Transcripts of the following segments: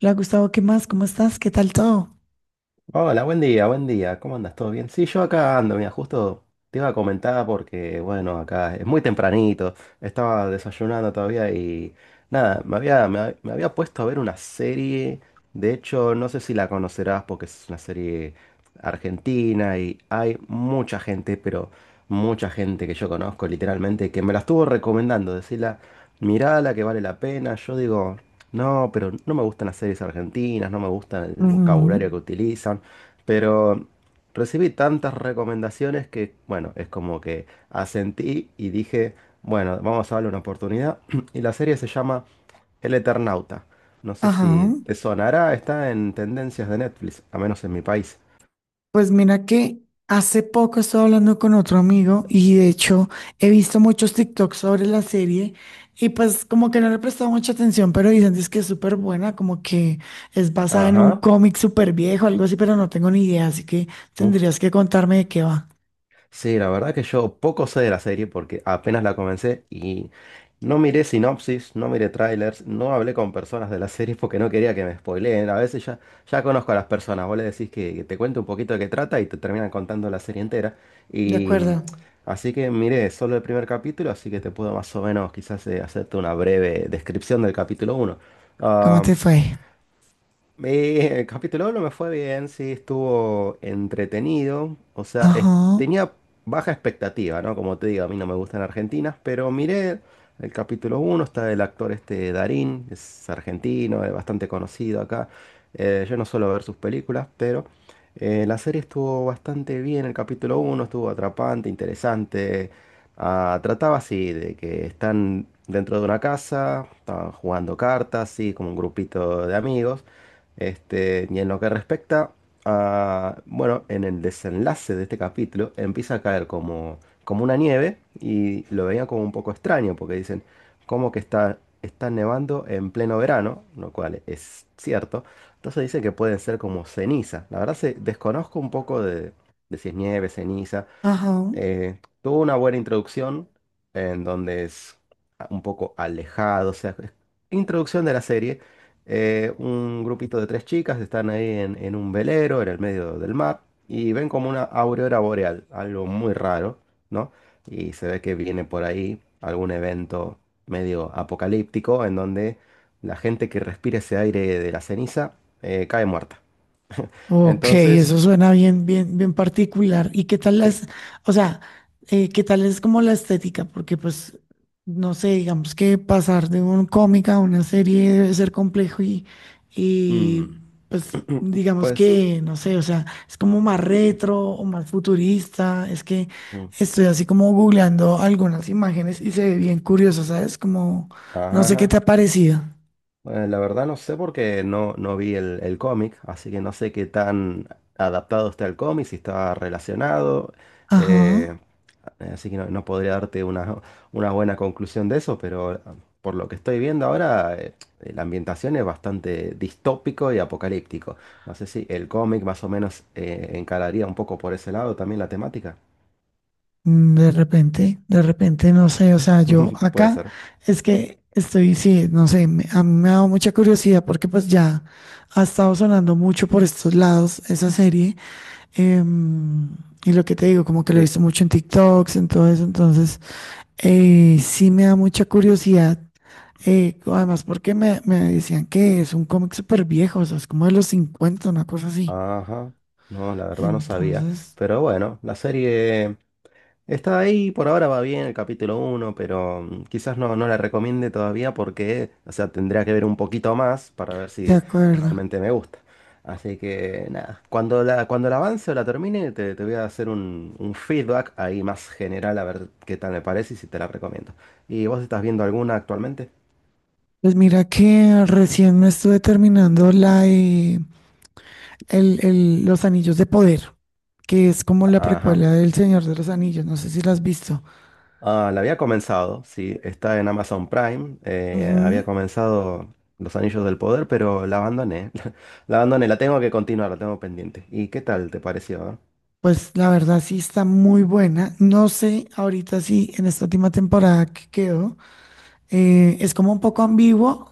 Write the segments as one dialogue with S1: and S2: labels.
S1: Hola Gustavo, ¿qué más? ¿Cómo estás? ¿Qué tal todo?
S2: Hola, buen día, buen día. ¿Cómo andas? ¿Todo bien? Sí, yo acá ando, mira, justo te iba a comentar porque, bueno, acá es muy tempranito, estaba desayunando todavía y nada, me había puesto a ver una serie. De hecho, no sé si la conocerás porque es una serie argentina y hay mucha gente, pero mucha gente que yo conozco literalmente que me la estuvo recomendando, decirla, mirala que vale la pena, yo digo. No, pero no me gustan las series argentinas, no me gusta el
S1: Ujú.
S2: vocabulario que utilizan. Pero recibí tantas recomendaciones que, bueno, es como que asentí y dije, bueno, vamos a darle una oportunidad. Y la serie se llama El Eternauta. No sé si
S1: Ajá.
S2: te sonará, está en tendencias de Netflix, a menos en mi país.
S1: Pues mira que hace poco estaba hablando con otro amigo y de hecho he visto muchos TikToks sobre la serie y pues como que no le he prestado mucha atención, pero dicen es que es súper buena, como que es basada en un
S2: Ajá.
S1: cómic súper viejo, algo así, pero no tengo ni idea, así que
S2: Un
S1: tendrías que contarme de qué va.
S2: Sí, la verdad que yo poco sé de la serie porque apenas la comencé y no miré sinopsis, no miré trailers, no hablé con personas de la serie porque no quería que me spoileen. A veces ya, ya conozco a las personas, vos le decís que te cuente un poquito de qué trata y te terminan contando la serie entera.
S1: De
S2: Y
S1: acuerdo.
S2: así que miré solo el primer capítulo, así que te puedo más o menos quizás hacerte una breve descripción del capítulo uno.
S1: ¿Cómo
S2: Ah,
S1: te fue?
S2: el capítulo uno me fue bien, sí, estuvo entretenido. O sea,
S1: Ajá,
S2: tenía baja expectativa, ¿no? Como te digo, a mí no me gustan argentinas, pero miré el capítulo uno. Está el actor este Darín, es argentino, es bastante conocido acá. Yo no suelo ver sus películas, pero la serie estuvo bastante bien. El capítulo uno estuvo atrapante, interesante. Ah, trataba así de que están dentro de una casa, estaban jugando cartas, así como un grupito de amigos. Este, y en lo que respecta a, bueno, en el desenlace de este capítulo empieza a caer como una nieve y lo veía como un poco extraño porque dicen, ¿cómo que está nevando en pleno verano? Lo cual es cierto. Entonces dice que pueden ser como ceniza. La verdad se desconozco un poco de si es nieve, ceniza.
S1: ajá.
S2: Tuvo una buena introducción en donde es un poco alejado, o sea, introducción de la serie. Un grupito de tres chicas están ahí en un velero, en el medio del mar, y ven como una aurora boreal, algo muy raro, ¿no? Y se ve que viene por ahí algún evento medio apocalíptico en donde la gente que respire ese aire de la ceniza cae muerta.
S1: Ok,
S2: Entonces,
S1: eso suena bien, bien, bien particular.
S2: sí.
S1: O sea, ¿qué tal es como la estética? Porque pues, no sé, digamos que pasar de un cómic a una serie debe ser complejo y
S2: mm,
S1: pues, digamos
S2: Pues.
S1: que, no sé, o sea, es como más retro o más futurista. Es que
S2: mm,
S1: estoy así como googleando algunas imágenes y se ve bien curioso, ¿sabes? Como, no sé qué te
S2: Ajá.
S1: ha parecido.
S2: Bueno, la verdad no sé porque no vi el cómic, así que no sé qué tan adaptado está el cómic, si está relacionado. eh,
S1: Ajá.
S2: así que no podría darte una buena conclusión de eso, pero por lo que estoy viendo ahora, la ambientación es bastante distópico y apocalíptico. No sé si el cómic más o menos encararía un poco por ese lado también la temática.
S1: Mm. De repente, no sé, o sea, yo
S2: Puede
S1: acá
S2: ser.
S1: es que estoy, sí, no sé, a mí me ha dado mucha curiosidad porque pues ya ha estado sonando mucho por estos lados esa serie. em, y lo que te digo, como que lo he
S2: Sí.
S1: visto mucho en TikToks, en todo eso, entonces sí me da mucha curiosidad. Además, porque me decían que es un cómic súper viejo, o sea, es como de los cincuenta, una cosa así.
S2: Ajá. No, la verdad no sabía.
S1: Entonces,
S2: Pero bueno, la serie. Está ahí, por ahora va bien el capítulo uno, pero quizás no la recomiende todavía porque, o sea, tendría que ver un poquito más para ver
S1: de
S2: si
S1: acuerdo.
S2: realmente me gusta. Así que nada, cuando la avance o la termine, te voy a hacer un feedback ahí más general a ver qué tal me parece y si te la recomiendo. ¿Y vos estás viendo alguna actualmente?
S1: Pues mira que recién me estuve terminando Los Anillos de Poder, que es como la
S2: Ajá.
S1: precuela del Señor de los Anillos, no sé si la has visto.
S2: Ah, la había comenzado, sí, está en Amazon Prime. Había
S1: Ujú.
S2: comenzado Los Anillos del Poder, pero la abandoné. La abandoné, la tengo que continuar, la tengo pendiente. ¿Y qué tal te pareció? ¿Ah?
S1: Pues la verdad sí está muy buena. No sé ahorita si en esta última temporada que quedó, es como un poco ambiguo,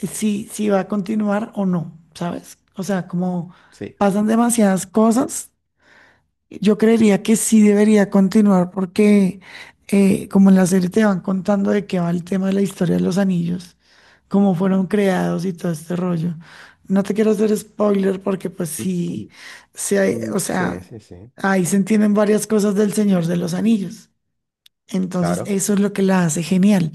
S1: si va a continuar o no, ¿sabes? O sea, como
S2: Sí.
S1: pasan demasiadas cosas. Yo creería que sí debería continuar porque, como en la serie te van contando de qué va el tema de la historia de los anillos, cómo fueron creados y todo este rollo. No te quiero hacer spoiler porque pues
S2: Mm,
S1: sí,
S2: mm,
S1: o
S2: sí,
S1: sea,
S2: sí, sí,
S1: ahí se entienden varias cosas del Señor de los Anillos. Entonces,
S2: claro.
S1: eso es lo que la hace genial.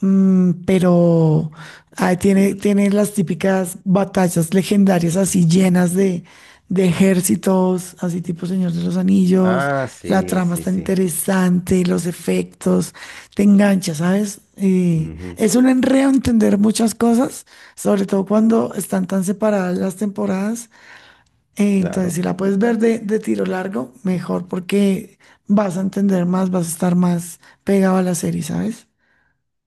S1: Mm, pero ahí tiene las típicas batallas legendarias así llenas de ejércitos, así tipo Señor de los Anillos.
S2: Ah,
S1: La
S2: sí,
S1: trama
S2: sí,
S1: está
S2: sí.
S1: interesante, los efectos, te engancha, ¿sabes? Y
S2: Ujú.
S1: es un enredo entender muchas cosas, sobre todo cuando están tan separadas las temporadas. Entonces, si
S2: Claro.
S1: la puedes ver de tiro largo, mejor porque vas a entender más, vas a estar más pegado a la serie, ¿sabes?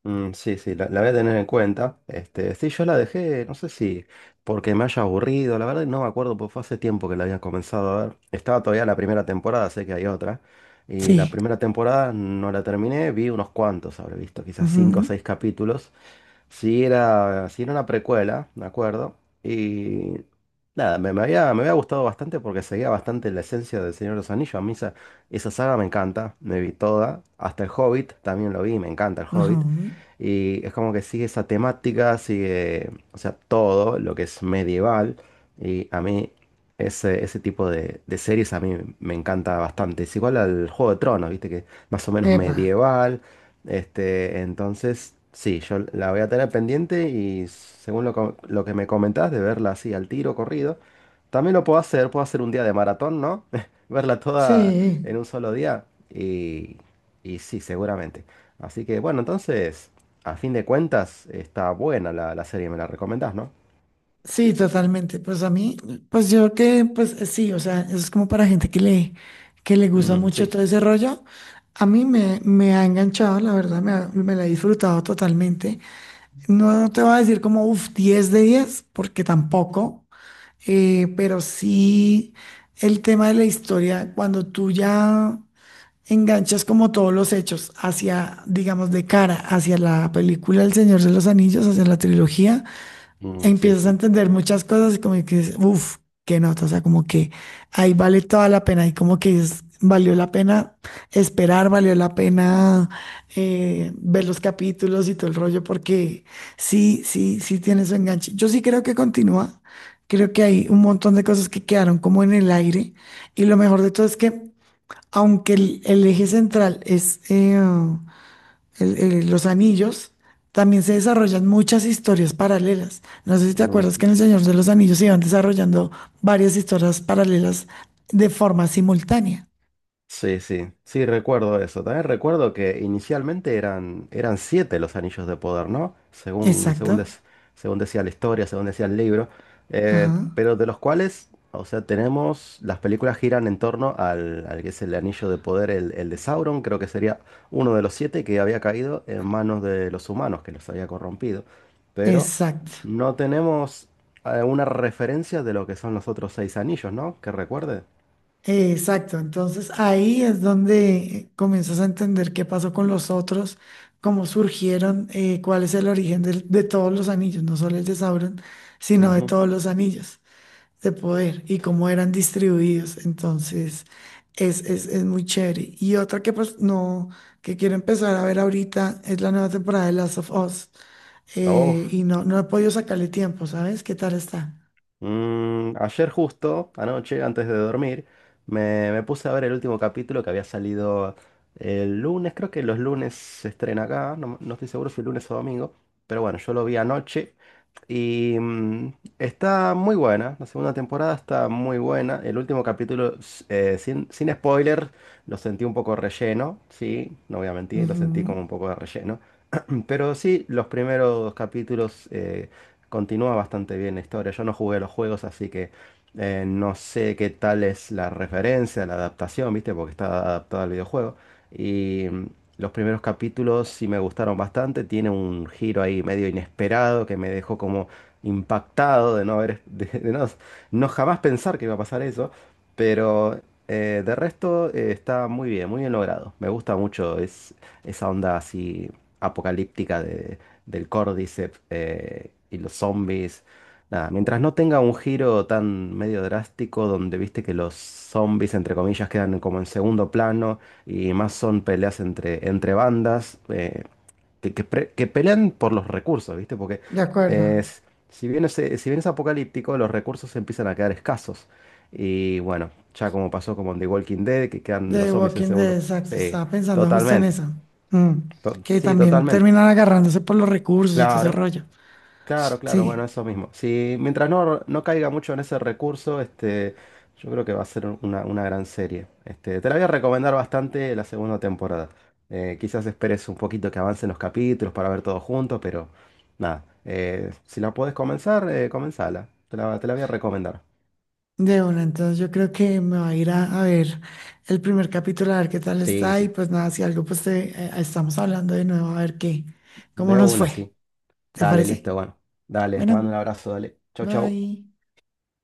S2: Mm, sí, sí, la voy a tener en cuenta. Este, sí, yo la dejé, no sé si porque me haya aburrido, la verdad no me acuerdo, porque fue hace tiempo que la había comenzado a ver. Estaba todavía la primera temporada, sé que hay otra. Y la
S1: Sí.
S2: primera temporada no la terminé, vi unos cuantos, habré visto quizás cinco o seis capítulos. Sí era una precuela, me acuerdo. Y nada, me había gustado bastante porque seguía bastante la esencia del Señor de los Anillos. A mí esa, esa saga me encanta, me vi toda. Hasta el Hobbit también lo vi, me encanta el
S1: Ujú,
S2: Hobbit.
S1: ujú.
S2: Y es como que sigue esa temática, sigue, o sea, todo lo que es medieval. Y a mí ese, ese tipo de series a mí me encanta bastante. Es igual al Juego de Tronos, viste que más o menos
S1: Epa.
S2: medieval. Este, entonces, sí, yo la voy a tener pendiente y según lo que me comentás de verla así al tiro, corrido, también lo puedo hacer un día de maratón, ¿no? Verla toda
S1: Sí,
S2: en un solo día y sí, seguramente. Así que bueno, entonces, a fin de cuentas, está buena la, la serie, me la recomendás, ¿no?
S1: sí, totalmente. Pues a mí, pues yo que, pues sí, o sea, eso es como para gente que que le gusta
S2: Mm,
S1: mucho
S2: sí.
S1: todo ese rollo. A mí me ha enganchado, la verdad, me la he disfrutado totalmente. No te voy a decir como, uff, 10 de 10 porque tampoco. Pero sí, el tema de la historia, cuando tú ya enganchas como todos los hechos hacia, digamos, de cara, hacia la película El Señor de los Anillos, hacia la trilogía,
S2: Mm, sí,
S1: empiezas a
S2: sí.
S1: entender muchas cosas y como que dices, uff, qué nota, o sea, como que ahí vale toda la pena y como que es, valió la pena esperar, valió la pena ver los capítulos y todo el rollo, porque sí, sí, sí tiene su enganche. Yo sí creo que continúa, creo que hay un montón de cosas que quedaron como en el aire y lo mejor de todo es que aunque el eje central es... los anillos, también se desarrollan muchas historias paralelas. No sé si te acuerdas que en El Señor de los Anillos se iban desarrollando varias historias paralelas de forma simultánea.
S2: Sí, sí, sí, recuerdo eso. También recuerdo que inicialmente eran, eran siete los anillos de poder, ¿no? Según,
S1: Exacto.
S2: según, des- según decía la historia, según decía el libro.
S1: Ajá.
S2: Pero de los cuales, o sea, tenemos, las películas giran en torno al, al que es el anillo de poder, el de Sauron, creo que sería uno de los siete que había caído en manos de los humanos, que los había corrompido. Pero
S1: Exacto.
S2: no tenemos una referencia de lo que son los otros seis anillos, ¿no? Que recuerde.
S1: Exacto. Entonces ahí es donde comienzas a entender qué pasó con los otros, cómo surgieron, cuál es el origen todos los anillos, no solo el de Sauron, sino de
S2: Ujú.
S1: todos los anillos de poder y cómo eran distribuidos. Entonces, es muy chévere. Y otra que pues no, que quiero empezar a ver ahorita es la nueva temporada de Last of Us.
S2: Oh.
S1: Eh, y no, no he podido sacarle tiempo, ¿sabes? ¿Qué tal está?
S2: Ayer justo, anoche, antes de dormir, me puse a ver el último capítulo que había salido el lunes, creo que los lunes se estrena acá, no estoy seguro si lunes o domingo, pero bueno, yo lo vi anoche y está muy buena, la segunda temporada está muy buena, el último capítulo, sin spoiler, lo sentí un poco relleno, sí, no voy a mentir, lo sentí
S1: Ujú.
S2: como un poco de relleno. Pero sí, los primeros capítulos continúa bastante bien la historia. Yo no jugué los juegos, así que no sé qué tal es la referencia, la adaptación, ¿viste? Porque está adaptada al videojuego. Y los primeros capítulos sí me gustaron bastante. Tiene un giro ahí medio inesperado que me dejó como impactado de no haber, de no, no jamás pensar que iba a pasar eso. Pero de resto está muy bien logrado. Me gusta mucho. Esa onda así apocalíptica del Cordyceps y los zombies. Nada, mientras no tenga un giro tan medio drástico donde viste que los zombies, entre comillas, quedan como en segundo plano y más son peleas entre bandas que pelean por los recursos, ¿viste? Porque
S1: De acuerdo.
S2: es, si bien es, si bien es apocalíptico, los recursos empiezan a quedar escasos. Y bueno, ya como pasó como en The Walking Dead, que
S1: De
S2: quedan los
S1: The
S2: zombies en
S1: Walking Dead,
S2: segundo.
S1: exacto.
S2: Sí,
S1: Estaba pensando justo en
S2: totalmente.
S1: eso. Mm. Que
S2: Sí,
S1: también
S2: totalmente.
S1: terminan agarrándose por los recursos y todo ese
S2: Claro,
S1: rollo.
S2: claro, claro.
S1: Sí.
S2: Bueno, eso mismo. Si mientras no caiga mucho en ese recurso, este, yo creo que va a ser una, gran serie. Este, te la voy a recomendar bastante la segunda temporada. Quizás esperes un poquito que avancen los capítulos para ver todo junto, pero nada. Si la puedes comenzar, comenzala. Te la voy a recomendar.
S1: De una, entonces yo creo que me va a ir a ver el primer capítulo, a ver qué tal
S2: Sí,
S1: está y
S2: sí.
S1: pues nada, si algo pues te, estamos hablando de nuevo, a ver qué, cómo
S2: De
S1: nos
S2: una,
S1: fue.
S2: sí.
S1: ¿Te
S2: Dale,
S1: parece?
S2: listo, bueno. Dale, te mando un
S1: Bueno,
S2: abrazo, dale. Chau, chau.
S1: bye.